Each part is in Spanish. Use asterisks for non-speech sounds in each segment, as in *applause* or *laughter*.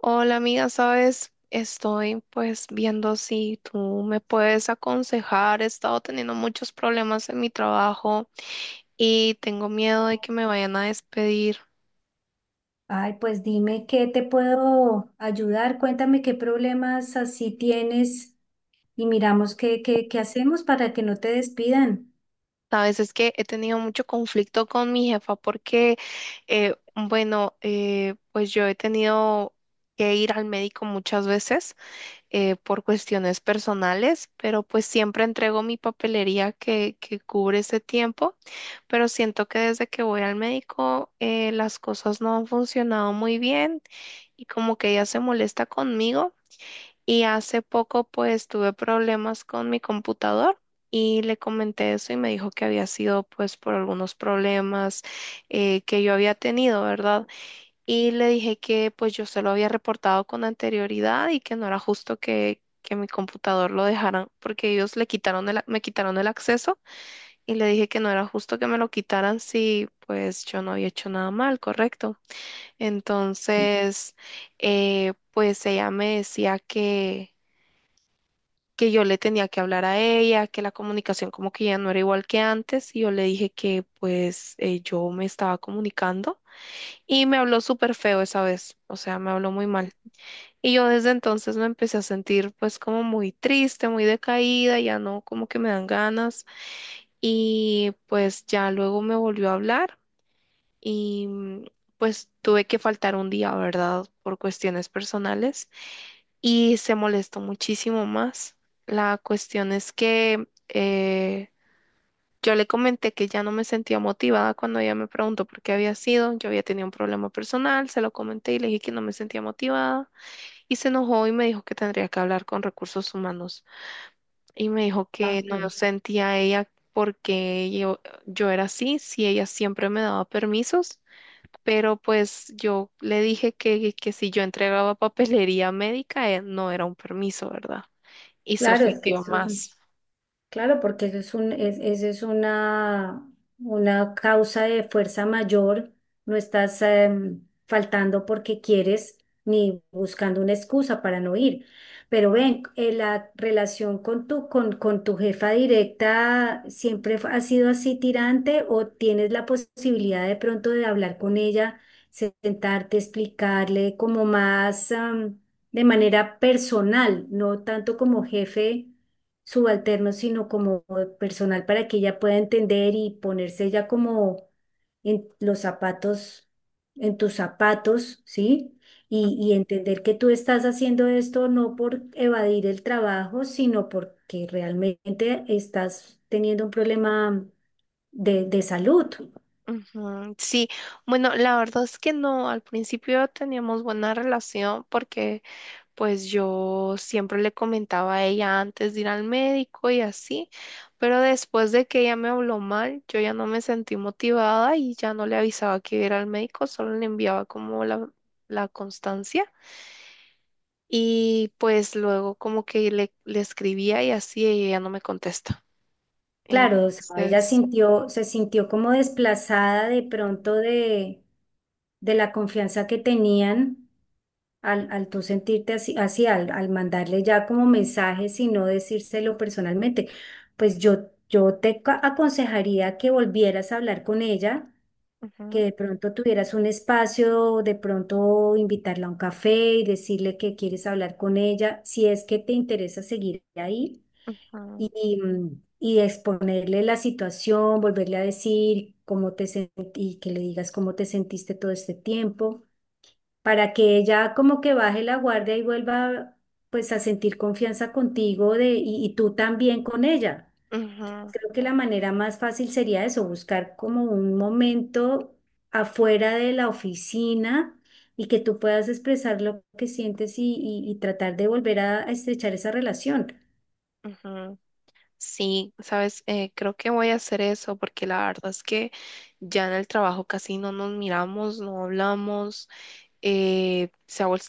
Hola amiga, sabes, estoy pues viendo si tú me puedes aconsejar. He estado teniendo muchos problemas en mi trabajo y tengo miedo de que me vayan a despedir. Ay, pues dime qué te puedo ayudar. Cuéntame qué problemas así tienes y miramos qué hacemos para que no te despidan. Sabes, es que he tenido mucho conflicto con mi jefa porque, bueno, pues yo he tenido que ir al médico muchas veces por cuestiones personales, pero pues siempre entrego mi papelería que cubre ese tiempo, pero siento que desde que voy al médico las cosas no han funcionado muy bien y como que ella se molesta conmigo y hace poco pues tuve problemas con mi computador. Y le comenté eso y me dijo que había sido pues por algunos problemas que yo había tenido, ¿verdad? Y le dije que pues yo se lo había reportado con anterioridad y que no era justo que mi computador lo dejaran porque ellos le quitaron el, me quitaron el acceso y le dije que no era justo que me lo quitaran si pues yo no había hecho nada mal, correcto. Entonces, pues ella me decía que yo le tenía que hablar a ella, que la comunicación como que ya no era igual que antes, y yo le dije que pues yo me estaba comunicando y me habló súper feo esa vez, o sea, me habló muy mal. Y yo desde entonces me empecé a sentir pues como muy triste, muy decaída, ya no como que me dan ganas y pues ya luego me volvió a hablar y pues tuve que faltar un día, ¿verdad? Por cuestiones personales y se molestó muchísimo más. La cuestión es que yo le comenté que ya no me sentía motivada cuando ella me preguntó por qué había sido, yo había tenido un problema personal, se lo comenté y le dije que no me sentía motivada y se enojó y me dijo que tendría que hablar con recursos humanos y me dijo que no sentía a ella porque yo era así, si ella siempre me daba permisos, pero pues yo le dije que si yo entregaba papelería médica no era un permiso, ¿verdad? Y se Claro, es que ofendió eso es. más. Claro, porque eso es una causa de fuerza mayor, no estás faltando porque quieres ni buscando una excusa para no ir. Pero ven, la relación con con tu jefa directa siempre ha sido así tirante o tienes la posibilidad de pronto de hablar con ella, sentarte, explicarle como más de manera personal, no tanto como jefe subalternos, sino como personal para que ella pueda entender y ponerse ya como en los zapatos, en tus zapatos, ¿sí? Y entender que tú estás haciendo esto no por evadir el trabajo, sino porque realmente estás teniendo un problema de salud. Ujú, sí, bueno, la verdad es que no, al principio teníamos buena relación porque pues yo siempre le comentaba a ella antes de ir al médico y así, pero después de que ella me habló mal, yo ya no me sentí motivada y ya no le avisaba que iba a ir al médico, solo le enviaba como la constancia y pues luego como que le escribía y así y ella no me contesta. Claro, o sea, ella Entonces, sintió, se sintió como desplazada de pronto de la confianza que tenían al tú sentirte así al mandarle ya como mensajes y no decírselo personalmente, pues yo te aconsejaría que volvieras a hablar con ella, que ujú, de pronto tuvieras un espacio, de pronto invitarla a un café y decirle que quieres hablar con ella, si es que te interesa seguir ahí ujú, y, y exponerle la situación, volverle a decir cómo te sentí y que le digas cómo te sentiste todo este tiempo para que ella como que baje la guardia y vuelva pues a sentir confianza contigo y tú también con ella. ujú, Creo que la manera más fácil sería eso, buscar como un momento afuera de la oficina y que tú puedas expresar lo que sientes y, y tratar de volver a estrechar esa relación. ujú. Sí, sabes, creo que voy a hacer eso porque la verdad es que ya en el trabajo casi no nos miramos, no hablamos, eh, se ha vuel-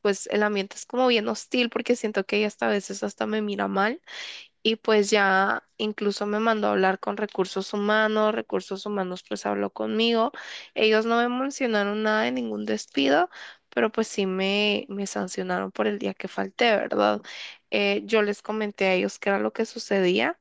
pues el ambiente es como bien hostil porque siento que ella hasta a veces hasta me mira mal y pues ya incluso me mandó a hablar con recursos humanos pues habló conmigo, ellos no me mencionaron nada de ningún despido, pero pues sí me sancionaron por el día que falté, ¿verdad? Yo les comenté a ellos qué era lo que sucedía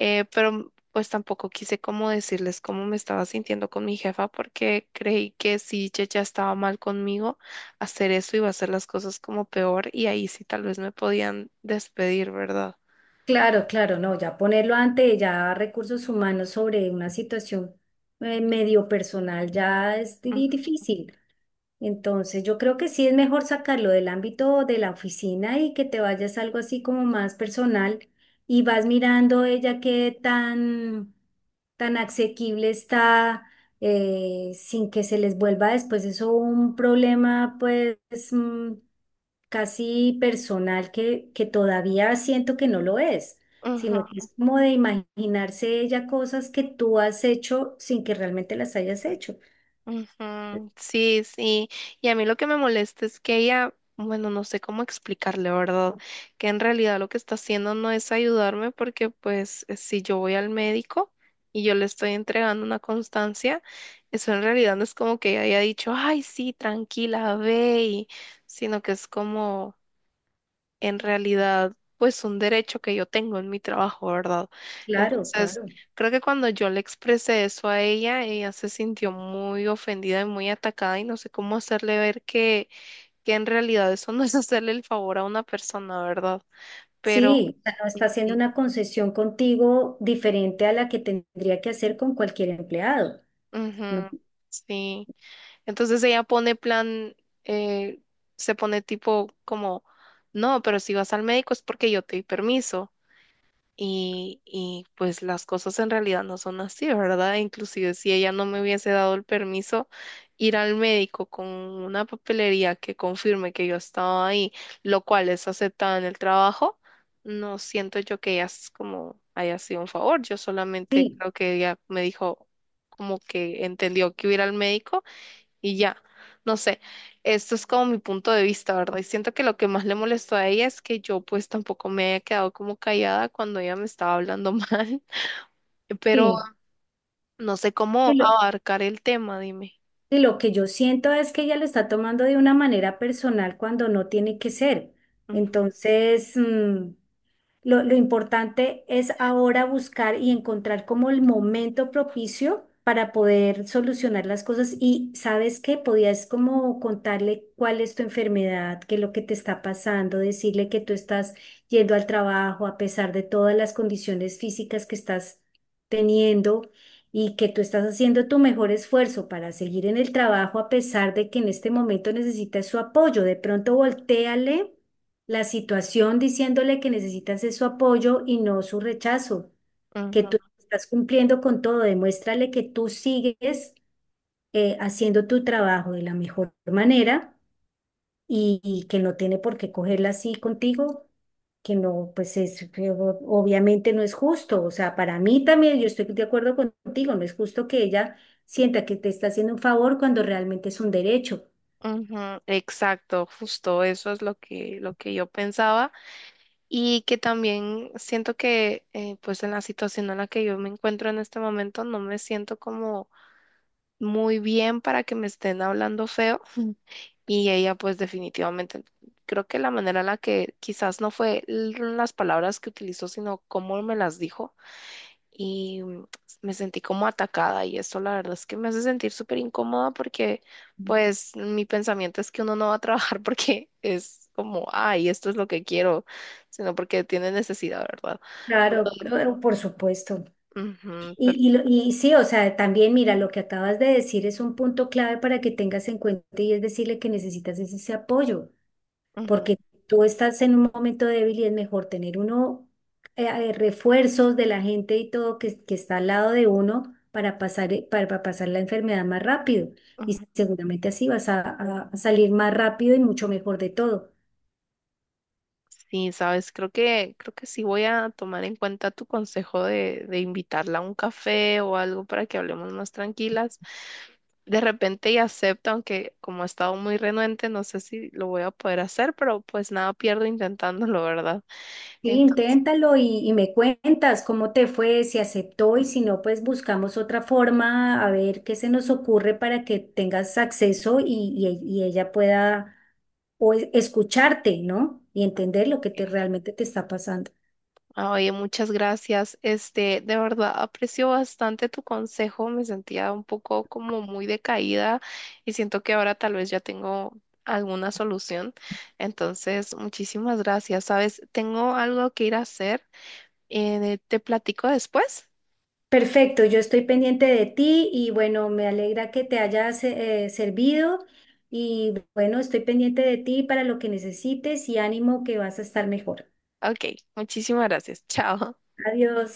pero pues tampoco quise como decirles cómo me estaba sintiendo con mi jefa porque creí que si ella ya estaba mal conmigo, hacer eso iba a hacer las cosas como peor y ahí sí tal vez me podían despedir, ¿verdad? Claro, claro, no, ya ponerlo ante ya recursos humanos sobre una situación medio personal ya es difícil. Entonces, yo creo que sí es mejor sacarlo del ámbito de la oficina y que te vayas a algo así como más personal y vas mirando ella qué tan asequible está sin que se les vuelva después eso un problema pues mm, casi personal que todavía siento que no lo es, Ujú, sino que es como de imaginarse ella cosas que tú has hecho sin que realmente las hayas hecho. ujú, sí, sí. Y a mí lo que me molesta es que ella, bueno, no sé cómo explicarle, ¿verdad? Que en realidad lo que está haciendo no es ayudarme porque pues si yo voy al médico y yo le estoy entregando una constancia, eso en realidad no es como que ella haya dicho, ay, sí, tranquila, ve, sino que es como en realidad, pues un derecho que yo tengo en mi trabajo, ¿verdad? Claro, Entonces, claro. creo que cuando yo le expresé eso a ella, ella se sintió muy ofendida y muy atacada y no sé cómo hacerle ver que en realidad eso no es hacerle el favor a una persona, ¿verdad? Pero, Sí, o sea, no está haciendo una concesión contigo diferente a la que tendría que hacer con cualquier empleado, ¿no? ujú, sí. Entonces ella pone plan, eh, se pone tipo como, no, pero si vas al médico es porque yo te di permiso. Y pues las cosas en realidad no son así, ¿verdad? Inclusive si ella no me hubiese dado el permiso ir al médico con una papelería que confirme que yo estaba ahí, lo cual es aceptada en el trabajo, no siento yo que ella es como haya sido un favor. Yo solamente Sí, creo que ella me dijo como que entendió que iba a ir al médico y ya. No sé, esto es como mi punto de vista, ¿verdad? Y siento que lo que más le molestó a ella es que yo pues tampoco me había quedado como callada cuando ella me estaba hablando *laughs* mal, pero sí. no sé Y cómo abarcar el tema, dime. y lo que yo siento es que ella lo está tomando de una manera personal cuando no tiene que ser. Ujú, Entonces, lo importante es ahora buscar y encontrar como el momento propicio para poder solucionar las cosas y sabes que podías como contarle cuál es tu enfermedad, qué es lo que te está pasando, decirle que tú estás yendo al trabajo a pesar de todas las condiciones físicas que estás teniendo y que tú estás haciendo tu mejor esfuerzo para seguir en el trabajo a pesar de que en este momento necesitas su apoyo. De pronto voltéale la situación diciéndole que necesitas es su apoyo y no su rechazo, que tú ujú, estás cumpliendo con todo, demuéstrale que tú sigues haciendo tu trabajo de la mejor manera y que no tiene por qué cogerla así contigo, que no, pues es, que obviamente no es justo, o sea, para mí también yo estoy de acuerdo contigo, no es justo que ella sienta que te está haciendo un favor cuando realmente es un derecho. ujú, exacto, justo eso es lo lo que yo pensaba. Y que también siento que pues en la situación en la que yo me encuentro en este momento no me siento como muy bien para que me estén hablando feo. Y ella pues definitivamente, creo que la manera en la que quizás no fue las palabras que utilizó, sino cómo me las dijo. Y me sentí como atacada y esto la verdad es que me hace sentir súper incómoda porque pues mi pensamiento es que uno no va a trabajar *laughs* porque es como, ay, esto es lo que quiero, sino porque tiene necesidad, ¿verdad? Claro, Pero, claro, por supuesto. ujú, pero, Y sí, o sea, también mira, lo que acabas de decir es un punto clave para que tengas en cuenta y es decirle que necesitas es ese apoyo, ujú, porque tú estás en un momento débil y es mejor tener uno refuerzos de la gente y todo que está al lado de uno para pasar la enfermedad más rápido. Y ujú. seguramente así vas a, a salir más rápido y mucho mejor de todo. Sí, sabes, creo que sí voy a tomar en cuenta tu consejo de invitarla a un café o algo para que hablemos más tranquilas. De repente ella acepta, aunque como ha estado muy renuente, no sé si lo voy a poder hacer, pero pues nada pierdo intentándolo, ¿verdad? Sí, Entonces, inténtalo y me cuentas cómo te fue, si aceptó y si no, pues buscamos otra forma a ver qué se nos ocurre para que tengas acceso y, y ella pueda o escucharte, ¿no? Y entender lo que te, eh, realmente te está pasando. ah, oye, muchas gracias. Este, de verdad aprecio bastante tu consejo. Me sentía un poco como muy decaída y siento que ahora tal vez ya tengo alguna solución. Entonces, muchísimas gracias. Sabes, tengo algo que ir a hacer. ¿Te platico después? Perfecto, yo estoy pendiente de ti y bueno, me alegra que te hayas servido y bueno, estoy pendiente de ti para lo que necesites y ánimo que vas a estar mejor. Ok, muchísimas gracias. *laughs* Chao. Adiós.